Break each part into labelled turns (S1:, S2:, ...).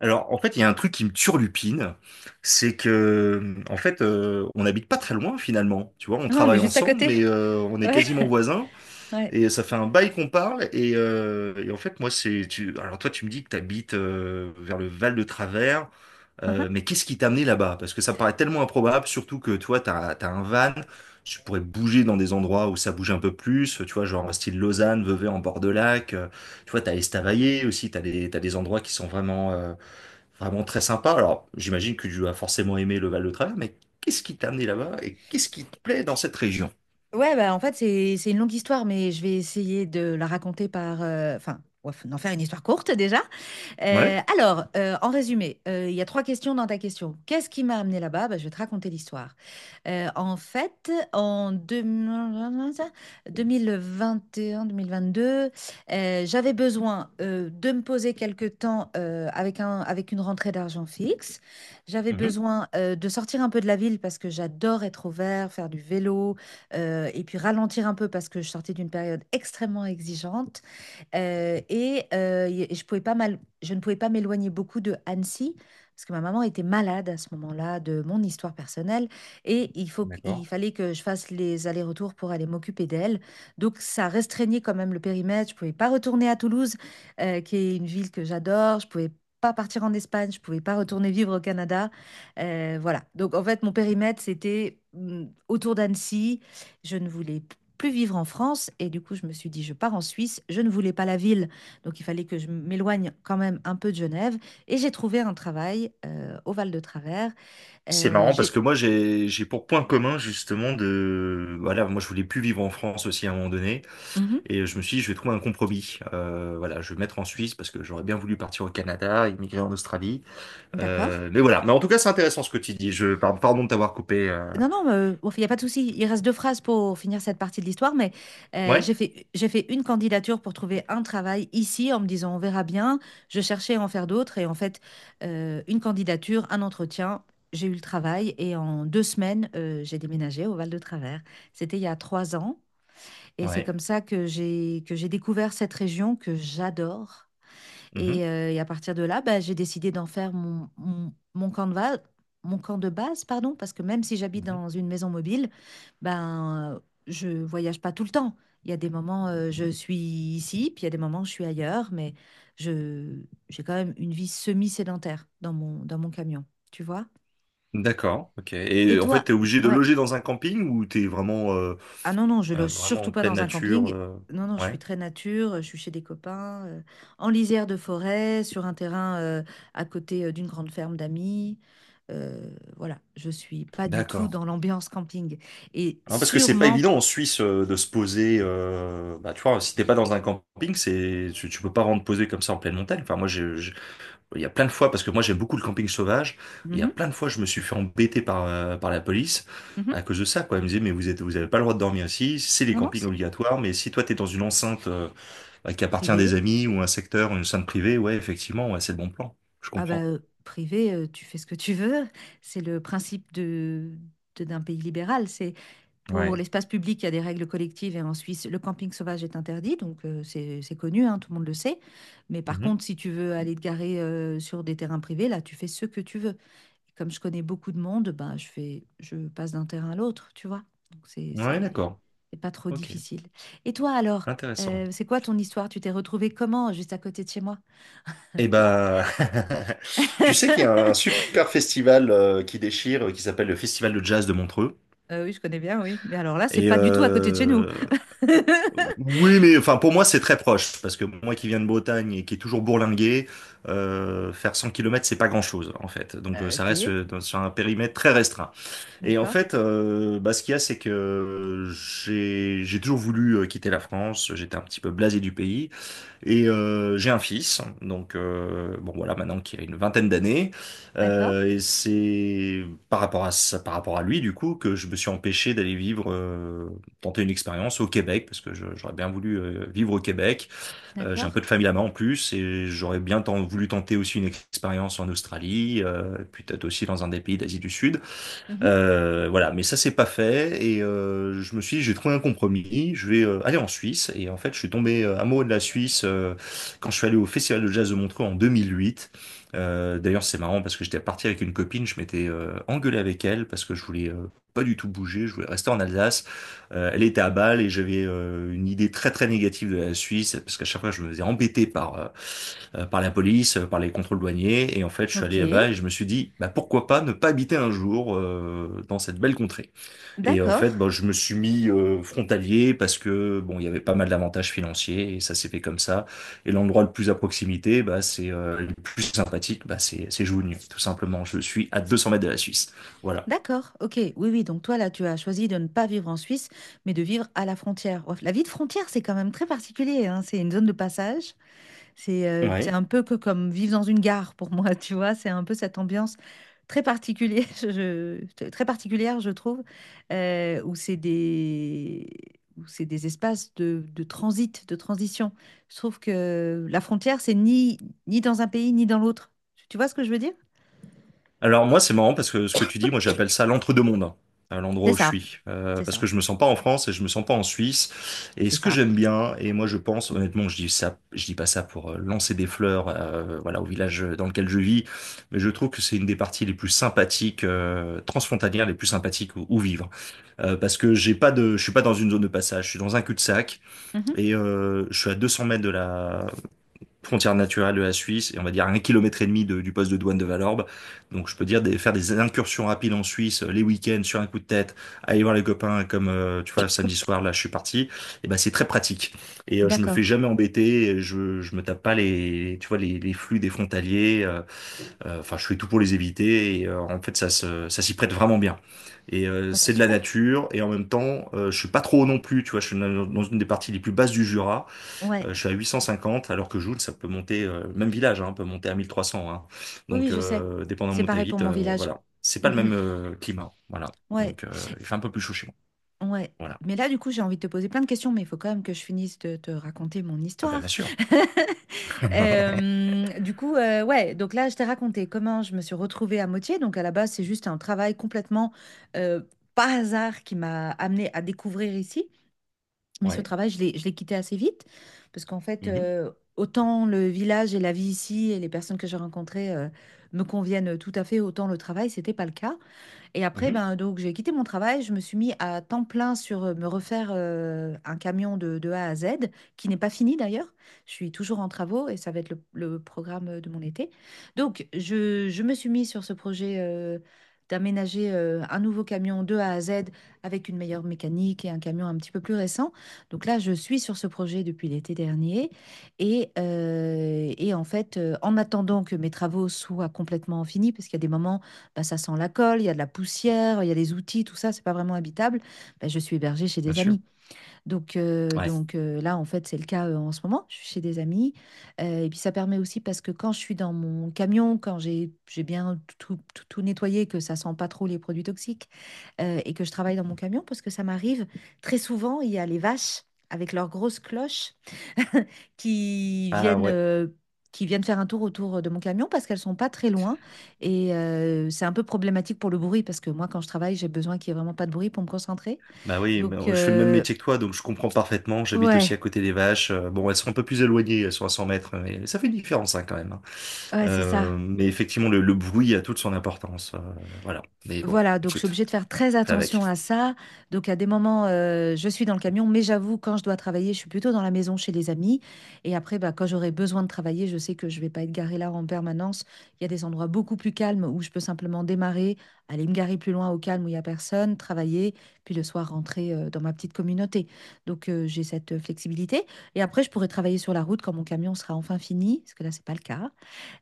S1: Alors, en fait, il y a un truc qui me turlupine, c'est que, en fait, on n'habite pas très loin finalement. Tu vois, on
S2: Ouais, on est
S1: travaille
S2: juste à
S1: ensemble,
S2: côté.
S1: mais on est
S2: Ouais,
S1: quasiment voisins,
S2: ouais.
S1: et ça fait un bail qu'on parle. Et en fait, moi, alors toi, tu me dis que tu habites vers le Val de Travers,
S2: Uhum.
S1: mais qu'est-ce qui t'a amené là-bas? Parce que ça me paraît tellement improbable, surtout que toi, t'as un van, tu pourrais bouger dans des endroits où ça bouge un peu plus, tu vois, genre style Lausanne, Vevey en bord de lac. Tu vois, t'as Estavayer aussi, t'as des endroits qui sont vraiment très sympa. Alors, j'imagine que tu as forcément aimé le Val-de-Travers, mais qu'est-ce qui t'a amené là-bas et qu'est-ce qui te plaît dans cette région?
S2: Ouais, bah, en fait, c'est une longue histoire, mais je vais essayer de la raconter Enfin, ouais, d'en faire une histoire courte déjà.
S1: Ouais.
S2: En résumé, il y a trois questions dans ta question. Qu'est-ce qui m'a amené là-bas? Bah, je vais te raconter l'histoire. En fait, en 2021-2022, j'avais besoin de me poser quelque temps avec avec une rentrée d'argent fixe. J'avais
S1: Mhm.
S2: besoin de sortir un peu de la ville parce que j'adore être au vert, faire du vélo. Et puis ralentir un peu parce que je sortais d'une période extrêmement exigeante, et je pouvais pas mal, je ne pouvais pas m'éloigner beaucoup de Annecy parce que ma maman était malade à ce moment-là de mon histoire personnelle et
S1: D'accord.
S2: il fallait que je fasse les allers-retours pour aller m'occuper d'elle. Donc ça restreignait quand même le périmètre. Je pouvais pas retourner à Toulouse, qui est une ville que j'adore. Je pouvais pas partir en Espagne. Je pouvais pas retourner vivre au Canada. Voilà. Donc en fait, mon périmètre, c'était autour d'Annecy. Je ne voulais plus vivre en France. Et du coup, je me suis dit, je pars en Suisse. Je ne voulais pas la ville, donc il fallait que je m'éloigne quand même un peu de Genève. Et j'ai trouvé un travail au Val de Travers.
S1: C'est
S2: Euh,
S1: marrant parce que
S2: j'ai...
S1: moi, j'ai pour point commun, justement, de, voilà, moi je voulais plus vivre en France aussi à un moment donné,
S2: Mhm,
S1: et je me suis dit, je vais trouver un compromis. Voilà, je vais me mettre en Suisse parce que j'aurais bien voulu partir au Canada, immigrer en Australie.
S2: d'accord.
S1: Mais voilà, mais en tout cas, c'est intéressant ce que tu dis. Pardon de t'avoir coupé.
S2: Non, non, enfin, il n'y a pas de souci. Il reste deux phrases pour finir cette partie de l'histoire, mais
S1: Ouais.
S2: j'ai fait une candidature pour trouver un travail ici en me disant on verra bien. Je cherchais à en faire d'autres et en fait, une candidature, un entretien, j'ai eu le travail et en deux semaines, j'ai déménagé au Val-de-Travers. C'était il y a trois ans et c'est
S1: Ouais.
S2: comme ça que j'ai découvert cette région que j'adore. Et à partir de là, bah, j'ai décidé d'en faire mon mon camp de base, pardon, parce que même si j'habite
S1: Mhm.
S2: dans une maison mobile, ben, euh, je voyage pas tout le temps. Il y a des moments, je suis ici, puis il y a des moments, je suis ailleurs, mais je, j'ai quand même une vie semi-sédentaire dans dans mon camion, tu vois?
S1: D'accord, ok.
S2: Et
S1: Et en fait,
S2: toi?
S1: t'es obligé de
S2: Ouais.
S1: loger dans un camping ou t'es vraiment, euh,
S2: Ah non, non, je
S1: euh,
S2: loge
S1: vraiment en
S2: surtout pas
S1: pleine
S2: dans un
S1: nature,
S2: camping.
S1: euh,
S2: Non, non, je suis
S1: Ouais.
S2: très nature, je suis chez des copains, en lisière de forêt, sur un terrain à côté d'une grande ferme d'amis. Voilà, je suis pas du tout
S1: D'accord.
S2: dans l'ambiance camping. Et
S1: Hein, parce que c'est pas
S2: sûrement...
S1: évident en Suisse de se poser. Bah, tu vois, si t'es pas dans un camping, tu peux pas vraiment te poser comme ça en pleine montagne. Enfin, moi, il y a plein de fois, parce que moi, j'aime beaucoup le camping sauvage. Il y a
S2: Mhm,
S1: plein de fois, je me suis fait embêter par la police
S2: mhm.
S1: à cause de ça. Quoi, ils me disaient, mais vous avez pas le droit de dormir ici. C'est les
S2: Non, non,
S1: campings
S2: c'est
S1: obligatoires. Mais si toi t'es dans une enceinte, bah, qui appartient à des
S2: privé.
S1: amis, ou un secteur ou une scène privée, ouais, effectivement, ouais, c'est le bon plan. Je
S2: Ah bah,
S1: comprends.
S2: euh, privé, tu fais ce que tu veux. C'est le principe d'un pays libéral. C'est... Pour
S1: Ouais.
S2: l'espace public, il y a des règles collectives et en Suisse, le camping sauvage est interdit, donc c'est connu, hein, tout le monde le sait. Mais par
S1: Mhm.
S2: contre, si tu veux aller te garer sur des terrains privés, là, tu fais ce que tu veux. Comme je connais beaucoup de monde, ben, je passe d'un terrain à l'autre, tu vois. Donc
S1: Ouais, d'accord.
S2: c'est pas trop
S1: Ok,
S2: difficile. Et toi alors,
S1: intéressant.
S2: c'est quoi ton histoire? Tu t'es retrouvée comment, juste à côté de chez moi?
S1: Eh ben, tu sais qu'il y a un super festival qui déchire, qui s'appelle le Festival de Jazz de Montreux.
S2: Oui, je connais bien, oui. Mais alors là, c'est
S1: Et,
S2: pas du tout à côté de chez nous.
S1: oui, mais enfin pour moi c'est très proche, parce que moi qui viens de Bretagne et qui est toujours bourlingué, faire 100 kilomètres, c'est pas grand-chose en fait. Donc ça
S2: Ok,
S1: reste, sur un périmètre très restreint. Et en
S2: d'accord,
S1: fait, bah, ce qu'il y a, c'est que j'ai toujours voulu quitter la France. J'étais un petit peu blasé du pays. Et, j'ai un fils, donc bon, voilà, maintenant qui a une vingtaine d'années.
S2: d'accord.
S1: Et c'est par rapport à ça, par rapport à lui, du coup, que je me suis empêché d'aller vivre, tenter une expérience au Québec, parce que j'aurais bien voulu vivre au Québec. J'ai un
S2: D'accord.
S1: peu de famille là-bas en plus, et j'aurais bien voulu tenter aussi une expérience en Australie, puis peut-être aussi dans un des pays d'Asie du Sud.
S2: Mhm.
S1: Voilà, mais ça, c'est pas fait. Et je me suis dit, j'ai trouvé un compromis, je vais aller en Suisse. Et en fait, je suis tombé amoureux de la Suisse quand je suis allé au Festival de Jazz de Montreux en 2008. D'ailleurs, c'est marrant parce que j'étais parti avec une copine, je m'étais engueulé avec elle parce que je voulais pas du tout bouger, je voulais rester en Alsace. Elle était à Bâle, et j'avais une idée très très négative de la Suisse, parce qu'à chaque fois, je me faisais embêter par par la police, par les contrôles douaniers. Et en fait, je suis
S2: Ok.
S1: allé là-bas et je me suis dit, bah, pourquoi pas ne pas habiter un jour dans cette belle contrée. Et en
S2: D'accord.
S1: fait, bah, je me suis mis frontalier, parce que bon, il y avait pas mal d'avantages financiers et ça s'est fait comme ça. Et l'endroit le plus à proximité, bah, c'est, le plus sympathique, bah, c'est Jougny, tout simplement. Je suis à 200 mètres de la Suisse. Voilà.
S2: D'accord. Ok. Oui, oui. Donc toi, là, tu as choisi de ne pas vivre en Suisse, mais de vivre à la frontière. Ouais, la vie de frontière, c'est quand même très particulier, hein. C'est une zone de passage. C'est
S1: Ouais.
S2: un peu que comme vivre dans une gare pour moi, tu vois. C'est un peu cette ambiance très particulière, très particulière, je trouve, euh, où c'est des... où c'est des espaces de transit, de transition. Je trouve que la frontière, c'est ni dans un pays, ni dans l'autre. Tu vois ce que je veux dire?
S1: Alors moi, c'est marrant, parce que ce que tu dis, moi j'appelle ça l'entre-deux-mondes, hein, à l'endroit
S2: C'est
S1: où je
S2: ça,
S1: suis.
S2: c'est
S1: Parce
S2: ça,
S1: que je me sens pas en France et je me sens pas en Suisse. Et
S2: c'est
S1: ce que
S2: ça.
S1: j'aime bien, et moi je pense, honnêtement, je dis ça, je dis pas ça pour lancer des fleurs, voilà, au village dans lequel je vis, mais je trouve que c'est une des parties les plus sympathiques, transfrontalières, les plus sympathiques où vivre. Parce que j'ai pas de, je suis pas dans une zone de passage, je suis dans un cul-de-sac,
S2: Mhm.
S1: et je suis à 200 mètres de la frontière naturelle de la Suisse, et on va dire à un kilomètre et demi du poste de douane de Valorbe. Donc je peux faire des incursions rapides en Suisse, les week-ends, sur un coup de tête, aller voir les copains, comme, tu vois, samedi soir là, je suis parti. Et ben c'est très pratique, et je me fais
S2: D'accord.
S1: jamais embêter, et je me tape pas les, tu vois, les flux des frontaliers. Enfin je fais tout pour les éviter, et en fait, ça s'y prête vraiment bien. Et,
S2: Bon, bah
S1: c'est de la
S2: super.
S1: nature, et en même temps, je suis pas trop haut non plus. Tu vois, je suis dans une des parties les plus basses du Jura.
S2: Ouais,
S1: Je suis à 850, alors que Joule, ça peut monter, même village, hein, peut monter à 1300, hein.
S2: oui,
S1: Donc,
S2: oui, je sais.
S1: dépendamment
S2: C'est
S1: où tu
S2: pareil pour
S1: habites,
S2: mon village.
S1: voilà. C'est
S2: Mm,
S1: pas le
S2: mm.
S1: même climat. Voilà.
S2: Ouais,
S1: Donc, il fait un peu plus chaud chez moi.
S2: ouais.
S1: Voilà.
S2: Mais là, du coup, j'ai envie de te poser plein de questions, mais il faut quand même que je finisse de te raconter mon
S1: Ah bah,
S2: histoire.
S1: bien sûr.
S2: Du coup, donc là, je t'ai raconté comment je me suis retrouvée à Moitié. Donc, à la base, c'est juste un travail complètement euh, par hasard qui m'a amenée à découvrir ici. Mais ce
S1: Ouais.
S2: travail, je l'ai quitté assez vite parce qu'en fait,
S1: Mhm.
S2: autant le village et la vie ici et les personnes que j'ai rencontrées me conviennent tout à fait, autant le travail, c'était pas le cas. Et après,
S1: Mhm.
S2: ben, donc, j'ai quitté mon travail. Je me suis mis à temps plein sur me refaire un camion de A à Z, qui n'est pas fini d'ailleurs. Je suis toujours en travaux et ça va être le programme de mon été. Donc, je me suis mis sur ce projet d'aménager un nouveau camion de A à Z avec une meilleure mécanique et un camion un petit peu plus récent. Donc là, je suis sur ce projet depuis l'été dernier. Et en fait, en attendant que mes travaux soient complètement finis, parce qu'il y a des moments bah, ça sent la colle, il y a de la poussière, il y a des outils, tout ça, c'est pas vraiment habitable. Bah, je suis hébergée chez
S1: Bien
S2: des
S1: sûr.
S2: amis. Donc, euh,
S1: Ouais.
S2: donc euh, là, en fait, c'est le cas en ce moment. Je suis chez des amis. Et puis, ça permet aussi parce que quand je suis dans mon camion, quand j'ai bien tout nettoyé, que ça sent pas trop les produits toxiques et que je travaille dans mon camion, parce que ça m'arrive très souvent, il y a les vaches avec leurs grosses cloches qui
S1: Ah ouais.
S2: qui viennent faire un tour autour de mon camion parce qu'elles sont pas très loin. Et c'est un peu problématique pour le bruit parce que moi, quand je travaille, j'ai besoin qu'il n'y ait vraiment pas de bruit pour me concentrer.
S1: Bah oui, bah,
S2: Donc,
S1: je fais le même
S2: euh,
S1: métier que toi, donc je comprends parfaitement. J'habite aussi
S2: ouais,
S1: à côté des vaches. Bon, elles sont un peu plus éloignées, elles sont à 100 mètres, mais ça fait une différence, hein, quand même, hein.
S2: ouais, c'est ça.
S1: Mais effectivement, le bruit a toute son importance. Voilà. Mais bon,
S2: Voilà, donc je suis
S1: écoute,
S2: obligée de faire très
S1: fais avec.
S2: attention à ça. Donc à des moments, je suis dans le camion, mais j'avoue, quand je dois travailler, je suis plutôt dans la maison chez les amis. Et après, bah, quand j'aurai besoin de travailler, je sais que je vais pas être garée là en permanence. Il y a des endroits beaucoup plus calmes où je peux simplement démarrer, aller me garer plus loin au calme où il y a personne, travailler, puis le soir rentrer dans ma petite communauté. Donc j'ai cette flexibilité. Et après, je pourrai travailler sur la route quand mon camion sera enfin fini, parce que là, c'est pas le cas.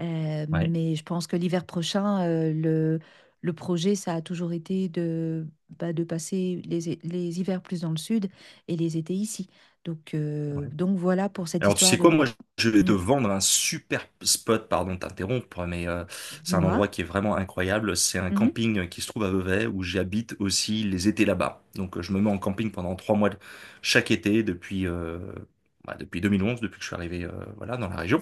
S1: Ouais.
S2: Mais je pense que l'hiver prochain, le projet, ça a toujours été de, bah, de passer les hivers plus dans le sud et les étés ici. Donc, euh,
S1: Ouais.
S2: donc voilà pour cette
S1: Alors, tu
S2: histoire
S1: sais quoi,
S2: de...
S1: moi, je vais te
S2: Hmm,
S1: vendre un super spot, pardon de t'interrompre, mais c'est un
S2: dis-moi.
S1: endroit qui est vraiment incroyable. C'est un
S2: Mhm,
S1: camping qui se trouve à Vevey, où j'habite aussi les étés là-bas. Donc, je me mets en camping pendant 3 mois chaque été depuis, bah, depuis 2011, depuis que je suis arrivé, voilà, dans la région.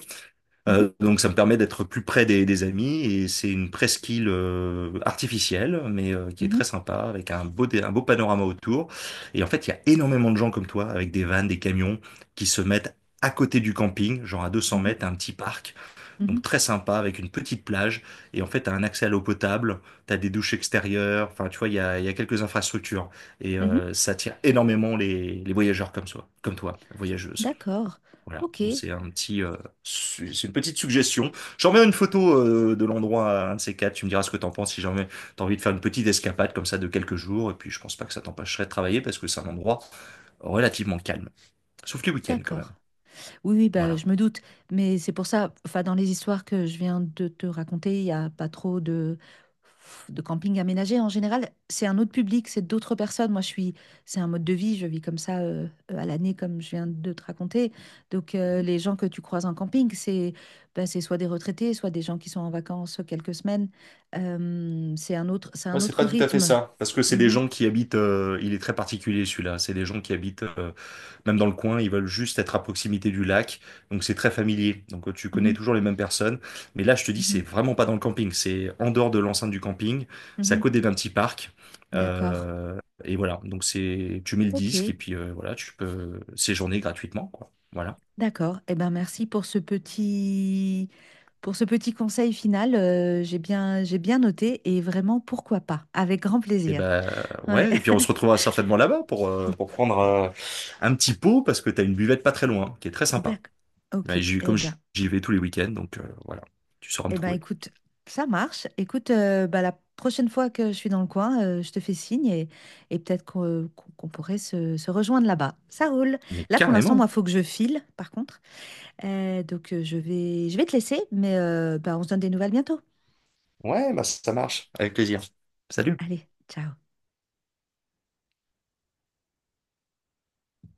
S2: mhm,
S1: Donc ça me permet d'être plus près des amis, et c'est une presqu'île artificielle, mais qui est
S2: mhm,
S1: très sympa, avec un beau panorama autour. Et en fait, il y a énormément de gens comme toi avec des vannes, des camions, qui se mettent à côté du camping, genre à 200 mètres, un petit parc, donc
S2: mhm,
S1: très sympa, avec une petite plage. Et en fait, t'as un accès à l'eau potable, t'as des douches extérieures, enfin tu vois, il y a quelques infrastructures. Et
S2: mhm, mhm.
S1: ça attire énormément les, voyageurs comme toi, comme toi voyageuse,
S2: D'accord.
S1: voilà.
S2: Ok,
S1: Donc, c'est une petite suggestion. J'enverrai une photo de l'endroit à un de ces quatre. Tu me diras ce que t'en penses, si jamais t'as envie de faire une petite escapade comme ça de quelques jours. Et puis je pense pas que ça t'empêcherait de travailler, parce que c'est un endroit relativement calme, sauf les week-ends quand même.
S2: d'accord. Oui, oui, bah,
S1: Voilà.
S2: je me doute, mais c'est pour ça, enfin, dans les histoires que je viens de te raconter, il n'y a pas trop de camping aménagé. En général, c'est un autre public, c'est d'autres personnes. Moi, c'est un mode de vie, je vis comme ça à l'année, comme je viens de te raconter. Donc, les gens que tu croises en camping, c'est bah, c'est soit des retraités, soit des gens qui sont en vacances quelques semaines. C'est
S1: Moi,
S2: un
S1: c'est
S2: autre
S1: pas tout à fait
S2: rythme.
S1: ça, parce que c'est des
S2: Mhm,
S1: gens qui habitent. Il est très particulier celui-là. C'est des gens qui habitent même dans le coin. Ils veulent juste être à proximité du lac, donc c'est très familier. Donc tu connais
S2: mhm,
S1: toujours les mêmes personnes. Mais là, je te dis, c'est
S2: mhm,
S1: vraiment pas dans le camping. C'est en dehors de l'enceinte du camping. C'est à
S2: mhm.
S1: côté d'un petit parc.
S2: D'accord.
S1: Et voilà. Donc, tu mets le
S2: Ok.
S1: disque et puis, voilà, tu peux séjourner gratuitement, quoi. Voilà.
S2: D'accord. Eh ben, merci pour ce petit conseil final. J'ai bien noté et vraiment, pourquoi pas? Avec grand
S1: Et
S2: plaisir.
S1: ben,
S2: Ouais.
S1: ouais. Et puis on se retrouvera certainement là-bas pour, pour prendre un petit pot, parce que t'as une buvette pas très loin qui est très sympa.
S2: D'accord. Ok.
S1: Ouais,
S2: Eh
S1: comme
S2: ben,
S1: j'y vais tous les week-ends, donc voilà, tu sauras me
S2: eh ben,
S1: trouver.
S2: écoute, ça marche. Écoute, la prochaine fois que je suis dans le coin, je te fais signe et peut-être qu'on pourrait se rejoindre là-bas. Ça roule.
S1: Mais
S2: Là, pour l'instant,
S1: carrément.
S2: moi, faut que je file, par contre. Donc je vais te laisser, mais bah, on se donne des nouvelles bientôt.
S1: Ouais, bah ça marche, avec plaisir. Salut.
S2: Allez, ciao.